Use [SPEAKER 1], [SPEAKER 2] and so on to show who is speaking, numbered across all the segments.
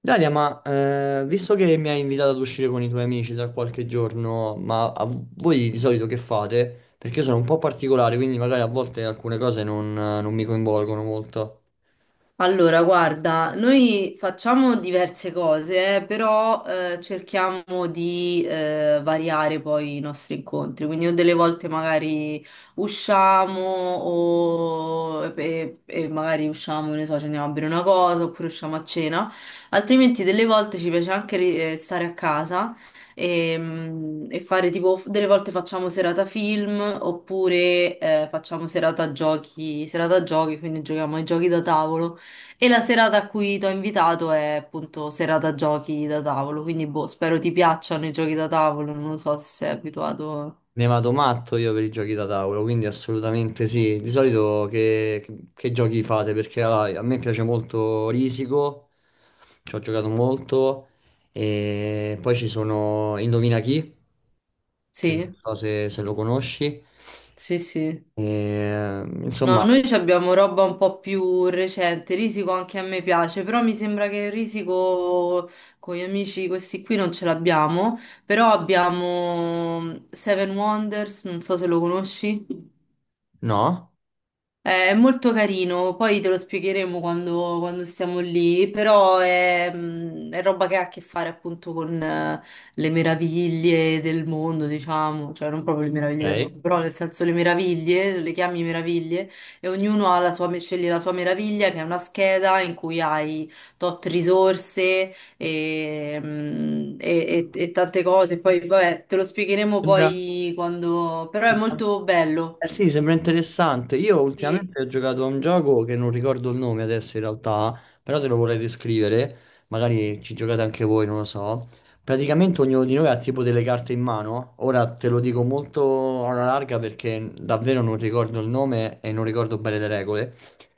[SPEAKER 1] Dalia, ma visto che mi hai invitato ad uscire con i tuoi amici tra qualche giorno, ma voi di solito che fate? Perché io sono un po' particolare, quindi magari a volte alcune cose non mi coinvolgono molto.
[SPEAKER 2] Allora, guarda, noi facciamo diverse cose, però cerchiamo di variare poi i nostri incontri. Quindi o delle volte magari usciamo o e magari usciamo, che ne so, ci andiamo a bere una cosa oppure usciamo a cena. Altrimenti delle volte ci piace anche stare a casa e fare tipo, delle volte facciamo serata film oppure facciamo serata giochi, quindi giochiamo ai giochi da tavolo. E la serata a cui ti ho invitato è appunto serata giochi da tavolo, quindi boh, spero ti piacciono i giochi da tavolo, non lo so se sei abituato.
[SPEAKER 1] Ne vado matto io per i giochi da tavolo, quindi assolutamente sì. Di solito che giochi fate? Perché ah, a me piace molto Risico, ci ho giocato molto, e poi ci sono Indovina chi, che non
[SPEAKER 2] Sì,
[SPEAKER 1] so se lo conosci.
[SPEAKER 2] sì, sì.
[SPEAKER 1] E, insomma,
[SPEAKER 2] No, noi ci abbiamo roba un po' più recente, Risico anche a me piace, però mi sembra che Risico con gli amici questi qui non ce l'abbiamo, però abbiamo Seven Wonders, non so se lo conosci.
[SPEAKER 1] no?
[SPEAKER 2] È molto carino, poi te lo spiegheremo quando siamo lì, però è roba che ha a che fare appunto con le meraviglie del mondo, diciamo, cioè non proprio le meraviglie del
[SPEAKER 1] Ok.
[SPEAKER 2] mondo, però nel senso le meraviglie, le chiami meraviglie, e ognuno ha la sua, sceglie la sua meraviglia, che è una scheda in cui hai tot risorse e tante cose, poi vabbè, te lo spiegheremo
[SPEAKER 1] Sembra,
[SPEAKER 2] poi quando, però è
[SPEAKER 1] sembra-
[SPEAKER 2] molto bello.
[SPEAKER 1] eh sì, sembra interessante. Io
[SPEAKER 2] Sì.
[SPEAKER 1] ultimamente ho giocato a un gioco che non ricordo il nome adesso in realtà, però te lo vorrei descrivere, magari ci giocate anche voi, non lo so. Praticamente ognuno di noi ha tipo delle carte in mano. Ora te lo dico molto alla larga perché davvero non ricordo il nome e non ricordo bene le regole.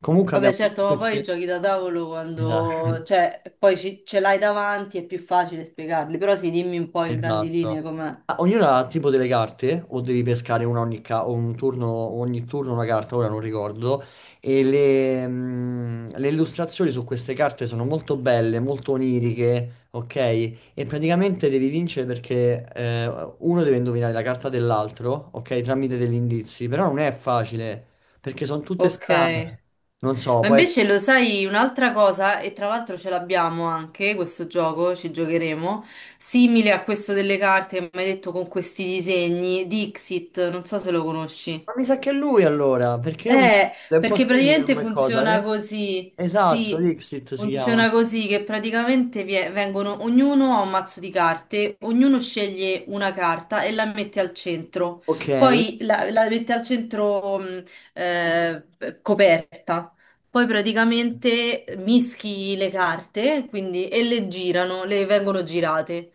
[SPEAKER 1] Comunque
[SPEAKER 2] Vabbè,
[SPEAKER 1] abbiamo
[SPEAKER 2] certo, ma poi i
[SPEAKER 1] queste.
[SPEAKER 2] giochi da tavolo
[SPEAKER 1] Esatto.
[SPEAKER 2] quando, cioè, poi ce l'hai davanti è più facile spiegarli, però sì, dimmi un po' in grandi linee
[SPEAKER 1] Esatto.
[SPEAKER 2] com'è.
[SPEAKER 1] Ah, ognuno ha tipo delle carte, o devi pescare una o un turno, ogni turno una carta, ora non ricordo. E le illustrazioni su queste carte sono molto belle, molto oniriche, ok? E praticamente devi vincere perché uno deve indovinare la carta dell'altro, ok? Tramite degli indizi, però non è facile, perché sono tutte
[SPEAKER 2] Ok.
[SPEAKER 1] strane. Non so,
[SPEAKER 2] Ma
[SPEAKER 1] può essere.
[SPEAKER 2] invece lo sai un'altra cosa, e tra l'altro ce l'abbiamo anche questo gioco, ci giocheremo, simile a questo delle carte che mi hai detto con questi disegni, Dixit, non so se lo conosci.
[SPEAKER 1] Ma mi sa che è lui allora, perché io non.
[SPEAKER 2] Eh,
[SPEAKER 1] È un po'
[SPEAKER 2] Perché
[SPEAKER 1] simile
[SPEAKER 2] praticamente
[SPEAKER 1] come cosa,
[SPEAKER 2] funziona
[SPEAKER 1] eh?
[SPEAKER 2] così,
[SPEAKER 1] Esatto,
[SPEAKER 2] sì,
[SPEAKER 1] Dixit si chiama.
[SPEAKER 2] funziona così che praticamente vengono, ognuno ha un mazzo di carte, ognuno sceglie una carta e la mette al centro,
[SPEAKER 1] Ok, che
[SPEAKER 2] poi la mette al centro eh, coperta, poi praticamente mischi le carte, quindi, e le girano, le vengono girate.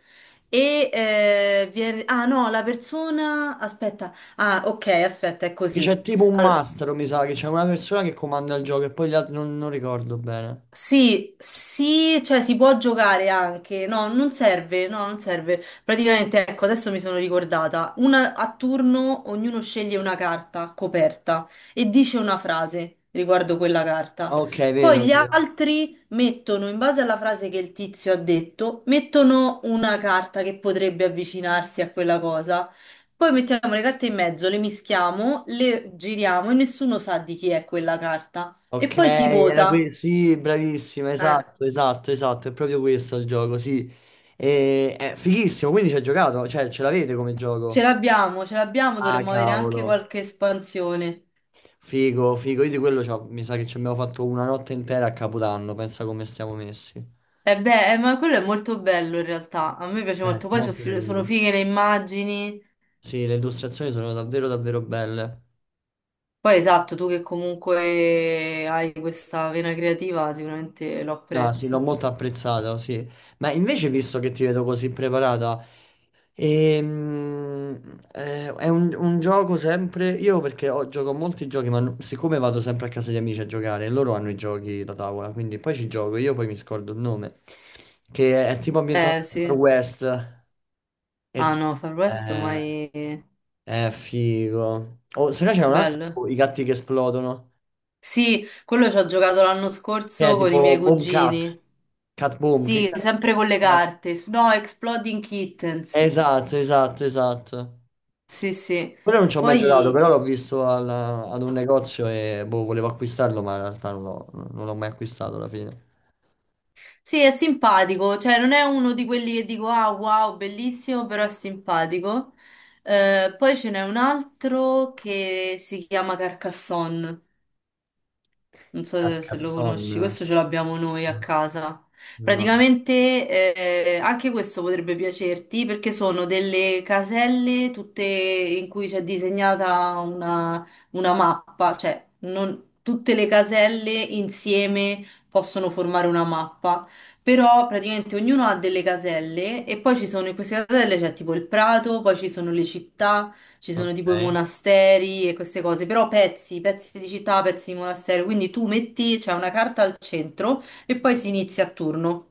[SPEAKER 2] Ah no, Aspetta. Ah, ok, aspetta, è così.
[SPEAKER 1] c'è tipo un mastro, mi sa, che c'è una persona che comanda il gioco e poi gli altri non ricordo bene.
[SPEAKER 2] Sì, sì, cioè si può giocare anche, no, non serve, no, non serve. Praticamente, ecco, adesso mi sono ricordata, una, a turno ognuno sceglie una carta coperta e dice una frase riguardo quella carta.
[SPEAKER 1] Ok,
[SPEAKER 2] Poi
[SPEAKER 1] vero,
[SPEAKER 2] gli
[SPEAKER 1] vero.
[SPEAKER 2] altri mettono, in base alla frase che il tizio ha detto, mettono una carta che potrebbe avvicinarsi a quella cosa. Poi mettiamo le carte in mezzo, le mischiamo, le giriamo e nessuno sa di chi è quella carta. E
[SPEAKER 1] Ok,
[SPEAKER 2] poi si
[SPEAKER 1] era
[SPEAKER 2] vota.
[SPEAKER 1] questo, sì, bravissima,
[SPEAKER 2] Eh.
[SPEAKER 1] esatto, esatto, esatto, è proprio questo il gioco, sì. E, è fighissimo, quindi ci hai giocato, cioè ce l'avete come gioco?
[SPEAKER 2] Ce l'abbiamo,
[SPEAKER 1] Ah,
[SPEAKER 2] dovremmo avere anche
[SPEAKER 1] cavolo.
[SPEAKER 2] qualche espansione.
[SPEAKER 1] Figo, figo, io di quello mi sa che ci abbiamo fatto una notte intera a Capodanno, pensa come stiamo messi.
[SPEAKER 2] E beh, ma quello è molto bello in realtà, a me piace molto, poi so
[SPEAKER 1] Molto
[SPEAKER 2] fi- sono
[SPEAKER 1] carino.
[SPEAKER 2] fighe le immagini,
[SPEAKER 1] Sì, le illustrazioni sono davvero davvero belle.
[SPEAKER 2] poi esatto, tu che comunque hai questa vena creativa sicuramente lo
[SPEAKER 1] No, sì, l'ho
[SPEAKER 2] apprezzi.
[SPEAKER 1] molto apprezzata, sì. Ma invece, visto che ti vedo così preparata, è un gioco sempre. Io perché gioco a molti giochi, ma siccome vado sempre a casa di amici a giocare, e loro hanno i giochi da tavola, quindi poi ci gioco, io poi mi scordo il nome, che è tipo ambientato
[SPEAKER 2] Eh
[SPEAKER 1] nel Far
[SPEAKER 2] sì,
[SPEAKER 1] West. E
[SPEAKER 2] ah
[SPEAKER 1] tu-
[SPEAKER 2] no, Far West
[SPEAKER 1] eh,
[SPEAKER 2] mai
[SPEAKER 1] è figo. Oh, se no c'è un altro,
[SPEAKER 2] bello.
[SPEAKER 1] tipo, i gatti che esplodono,
[SPEAKER 2] Sì, quello ci ho giocato l'anno
[SPEAKER 1] che è
[SPEAKER 2] scorso con i
[SPEAKER 1] tipo
[SPEAKER 2] miei
[SPEAKER 1] Boom Cat,
[SPEAKER 2] cugini.
[SPEAKER 1] Cat Boom,
[SPEAKER 2] Sì, sempre con le
[SPEAKER 1] no.
[SPEAKER 2] carte. No, Exploding Kittens.
[SPEAKER 1] Esatto, esatto, esatto.
[SPEAKER 2] Sì, sì.
[SPEAKER 1] Quello non ci ho mai giocato, però
[SPEAKER 2] Poi
[SPEAKER 1] l'ho visto ad un negozio e boh, volevo acquistarlo, ma in realtà non l'ho mai acquistato alla fine.
[SPEAKER 2] sì, è simpatico, cioè non è uno di quelli che dico ah wow, bellissimo, però è simpatico. Poi ce n'è un altro che si chiama Carcassonne, non so se se lo conosci,
[SPEAKER 1] Carcassonne?
[SPEAKER 2] questo ce l'abbiamo noi a casa.
[SPEAKER 1] No.
[SPEAKER 2] Praticamente anche questo potrebbe piacerti perché sono delle caselle tutte in cui c'è disegnata una mappa, cioè non- tutte le caselle insieme possono formare una mappa, però praticamente ognuno ha delle caselle e poi ci sono in queste caselle c'è tipo il prato, poi ci sono le città, ci sono tipo i
[SPEAKER 1] Ok.
[SPEAKER 2] monasteri e queste cose, però pezzi, pezzi di città, pezzi di monastero, quindi tu metti, c'è una carta al centro e poi si inizia a turno.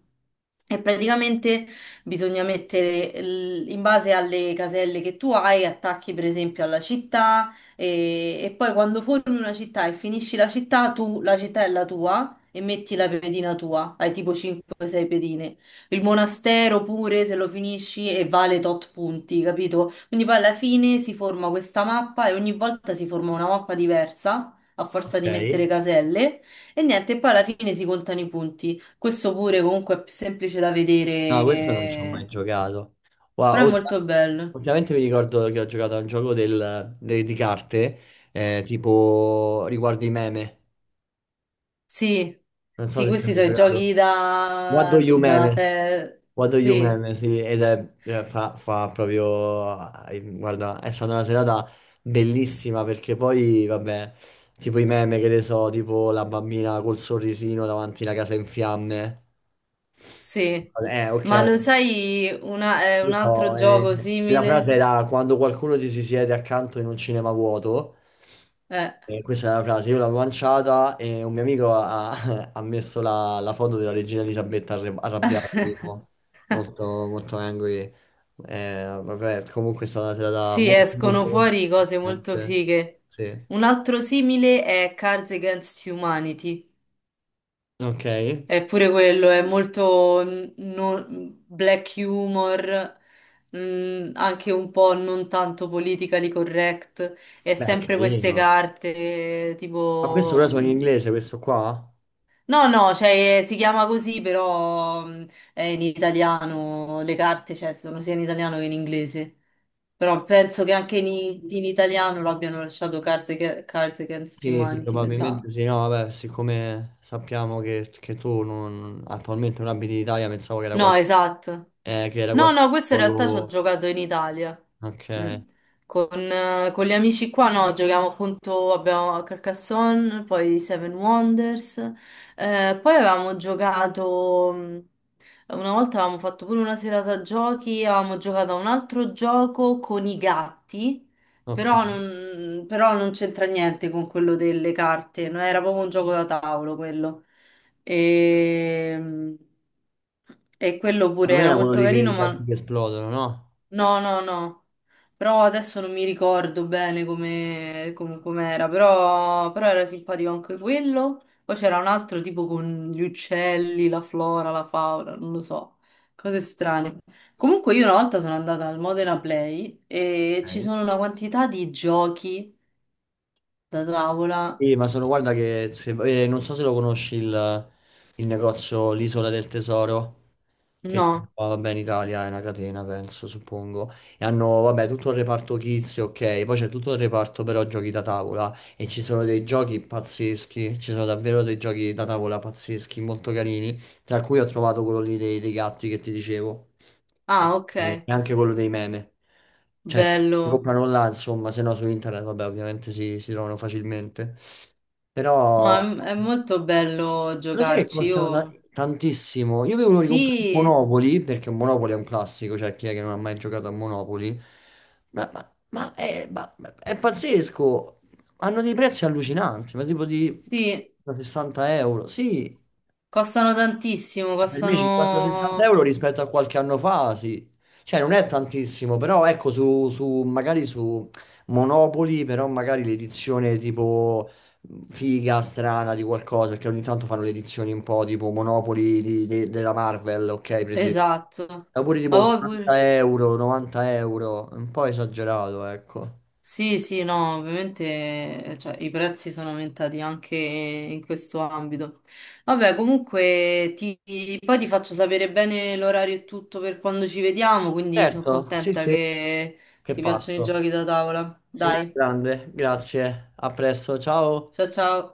[SPEAKER 2] E praticamente bisogna mettere l- in base alle caselle che tu hai, attacchi per esempio alla città e poi quando formi una città e finisci la città, tu la città è la tua e metti la pedina tua, hai tipo 5-6 pedine. Il monastero pure se lo finisci e vale tot punti, capito? Quindi poi alla fine si forma questa mappa e ogni volta si forma una mappa diversa a forza di
[SPEAKER 1] Ok.
[SPEAKER 2] mettere caselle, e niente, e poi alla fine si contano i punti. Questo pure comunque è più semplice da vedere,
[SPEAKER 1] No, questo non ci ho mai
[SPEAKER 2] che-
[SPEAKER 1] giocato. Wow,
[SPEAKER 2] però è molto bello.
[SPEAKER 1] ultimamente mi ricordo che ho giocato a un gioco di carte, tipo riguardo i meme.
[SPEAKER 2] Sì,
[SPEAKER 1] Non so
[SPEAKER 2] sì,
[SPEAKER 1] se ci hai
[SPEAKER 2] questi
[SPEAKER 1] mai
[SPEAKER 2] sono i
[SPEAKER 1] giocato.
[SPEAKER 2] giochi
[SPEAKER 1] What do
[SPEAKER 2] da...
[SPEAKER 1] you meme?
[SPEAKER 2] da fe-
[SPEAKER 1] What do you
[SPEAKER 2] Sì,
[SPEAKER 1] meme, sì, ed è, fa proprio. Guarda, è stata una serata bellissima perché poi, vabbè, tipo i meme che ne so, tipo la bambina col sorrisino davanti alla casa in fiamme.
[SPEAKER 2] sì.
[SPEAKER 1] Ok.
[SPEAKER 2] Ma lo sai un altro
[SPEAKER 1] No,
[SPEAKER 2] gioco
[SPEAKER 1] e la frase
[SPEAKER 2] simile?
[SPEAKER 1] era quando qualcuno ti si siede accanto in un cinema vuoto.
[SPEAKER 2] Eh.
[SPEAKER 1] E questa è la frase, io l'ho lanciata e un mio amico ha, ha messo la foto della regina Elisabetta arrabbiata, tipo, molto, molto angry. Vabbè, comunque è stata una serata
[SPEAKER 2] Sì,
[SPEAKER 1] molto,
[SPEAKER 2] escono
[SPEAKER 1] molto, molto
[SPEAKER 2] fuori cose molto
[SPEAKER 1] divertente.
[SPEAKER 2] fighe.
[SPEAKER 1] Sì.
[SPEAKER 2] Un altro simile è Cards Against Humanity.
[SPEAKER 1] Ok. Beh,
[SPEAKER 2] È pure quello, è molto black humor, anche un po' non tanto politically correct. E
[SPEAKER 1] è
[SPEAKER 2] sempre queste
[SPEAKER 1] carino.
[SPEAKER 2] carte,
[SPEAKER 1] Ma questo
[SPEAKER 2] tipo.
[SPEAKER 1] ora sono in inglese, questo qua?
[SPEAKER 2] No, no, cioè, si chiama così, però è in italiano, le carte, cioè, sono sia in italiano che in inglese. Però penso che anche in italiano l'abbiano lasciato Cards Against
[SPEAKER 1] Sì, sì,
[SPEAKER 2] Humanity, mi sa.
[SPEAKER 1] probabilmente sì, no, vabbè, siccome sappiamo che tu attualmente non abiti in Italia, pensavo
[SPEAKER 2] No, esatto.
[SPEAKER 1] che era
[SPEAKER 2] No,
[SPEAKER 1] qualche
[SPEAKER 2] no, questo in realtà ci ho
[SPEAKER 1] poco.
[SPEAKER 2] giocato in Italia.
[SPEAKER 1] Ok,
[SPEAKER 2] Mm. Con gli amici qua, no, giochiamo appunto, abbiamo Carcassonne, poi Seven Wonders, poi avevamo giocato, una volta avevamo fatto pure una serata a giochi, avevamo giocato a un altro gioco con i gatti, però
[SPEAKER 1] ok.
[SPEAKER 2] non, però non c'entra niente con quello delle carte, no? Era proprio un gioco da tavolo quello. E, e quello pure
[SPEAKER 1] Non
[SPEAKER 2] era
[SPEAKER 1] era quello
[SPEAKER 2] molto
[SPEAKER 1] lì che
[SPEAKER 2] carino,
[SPEAKER 1] i gatti
[SPEAKER 2] ma
[SPEAKER 1] che esplodono, no?
[SPEAKER 2] no, no, no. Però adesso non mi ricordo bene com'era, però era simpatico anche quello. Poi c'era un altro tipo con gli uccelli, la flora, la fauna, non lo so, cose strane. Comunque io una volta sono andata al Modena Play e ci
[SPEAKER 1] Ok.
[SPEAKER 2] sono una quantità di giochi da tavola.
[SPEAKER 1] Sì, ma sono, guarda che, non so se lo conosci il negozio, l'Isola del Tesoro. Che si
[SPEAKER 2] No.
[SPEAKER 1] trova, vabbè, in Italia è una catena, penso, suppongo. E hanno, vabbè, tutto il reparto kids, ok, poi c'è tutto il reparto però giochi da tavola e ci sono dei giochi pazzeschi, ci sono davvero dei giochi da tavola pazzeschi, molto carini, tra cui ho trovato quello lì dei gatti che ti dicevo e
[SPEAKER 2] Ah, ok.
[SPEAKER 1] e anche quello dei meme. Cioè, si
[SPEAKER 2] Bello.
[SPEAKER 1] comprano là, insomma, se no su internet, vabbè, ovviamente si trovano facilmente. Però.
[SPEAKER 2] No, è molto bello
[SPEAKER 1] Lo sai che
[SPEAKER 2] giocarci,
[SPEAKER 1] costano
[SPEAKER 2] io.
[SPEAKER 1] tantissimo? Io avevo ricomprato il
[SPEAKER 2] Sì,
[SPEAKER 1] Monopoli, perché Monopoli è un classico, cioè chi è che non ha mai giocato a Monopoli? Ma è pazzesco! Hanno dei prezzi allucinanti, ma tipo di
[SPEAKER 2] sì,
[SPEAKER 1] da 60 euro. Sì,
[SPEAKER 2] costano tantissimo,
[SPEAKER 1] per me 50-60 euro
[SPEAKER 2] costano...
[SPEAKER 1] rispetto a qualche anno fa, sì. Cioè non è tantissimo, però ecco, magari su Monopoli, però magari l'edizione tipo figa, strana di qualcosa, perché ogni tanto fanno le edizioni un po' tipo Monopoli della Marvel, ok, per esempio.
[SPEAKER 2] Esatto.
[SPEAKER 1] Oppure
[SPEAKER 2] Ma
[SPEAKER 1] tipo
[SPEAKER 2] poi
[SPEAKER 1] 80
[SPEAKER 2] pure.
[SPEAKER 1] euro, 90 euro, un po' esagerato, ecco.
[SPEAKER 2] Sì, sì, no, ovviamente cioè, i prezzi sono aumentati anche in questo ambito. Vabbè, comunque poi ti faccio sapere bene l'orario e tutto per quando ci vediamo, quindi sono
[SPEAKER 1] Certo, sì,
[SPEAKER 2] contenta
[SPEAKER 1] sì,
[SPEAKER 2] che
[SPEAKER 1] che
[SPEAKER 2] ti piacciono i
[SPEAKER 1] passo.
[SPEAKER 2] giochi da tavola.
[SPEAKER 1] Sì,
[SPEAKER 2] Dai,
[SPEAKER 1] grande, grazie. A presto, ciao.
[SPEAKER 2] ciao ciao.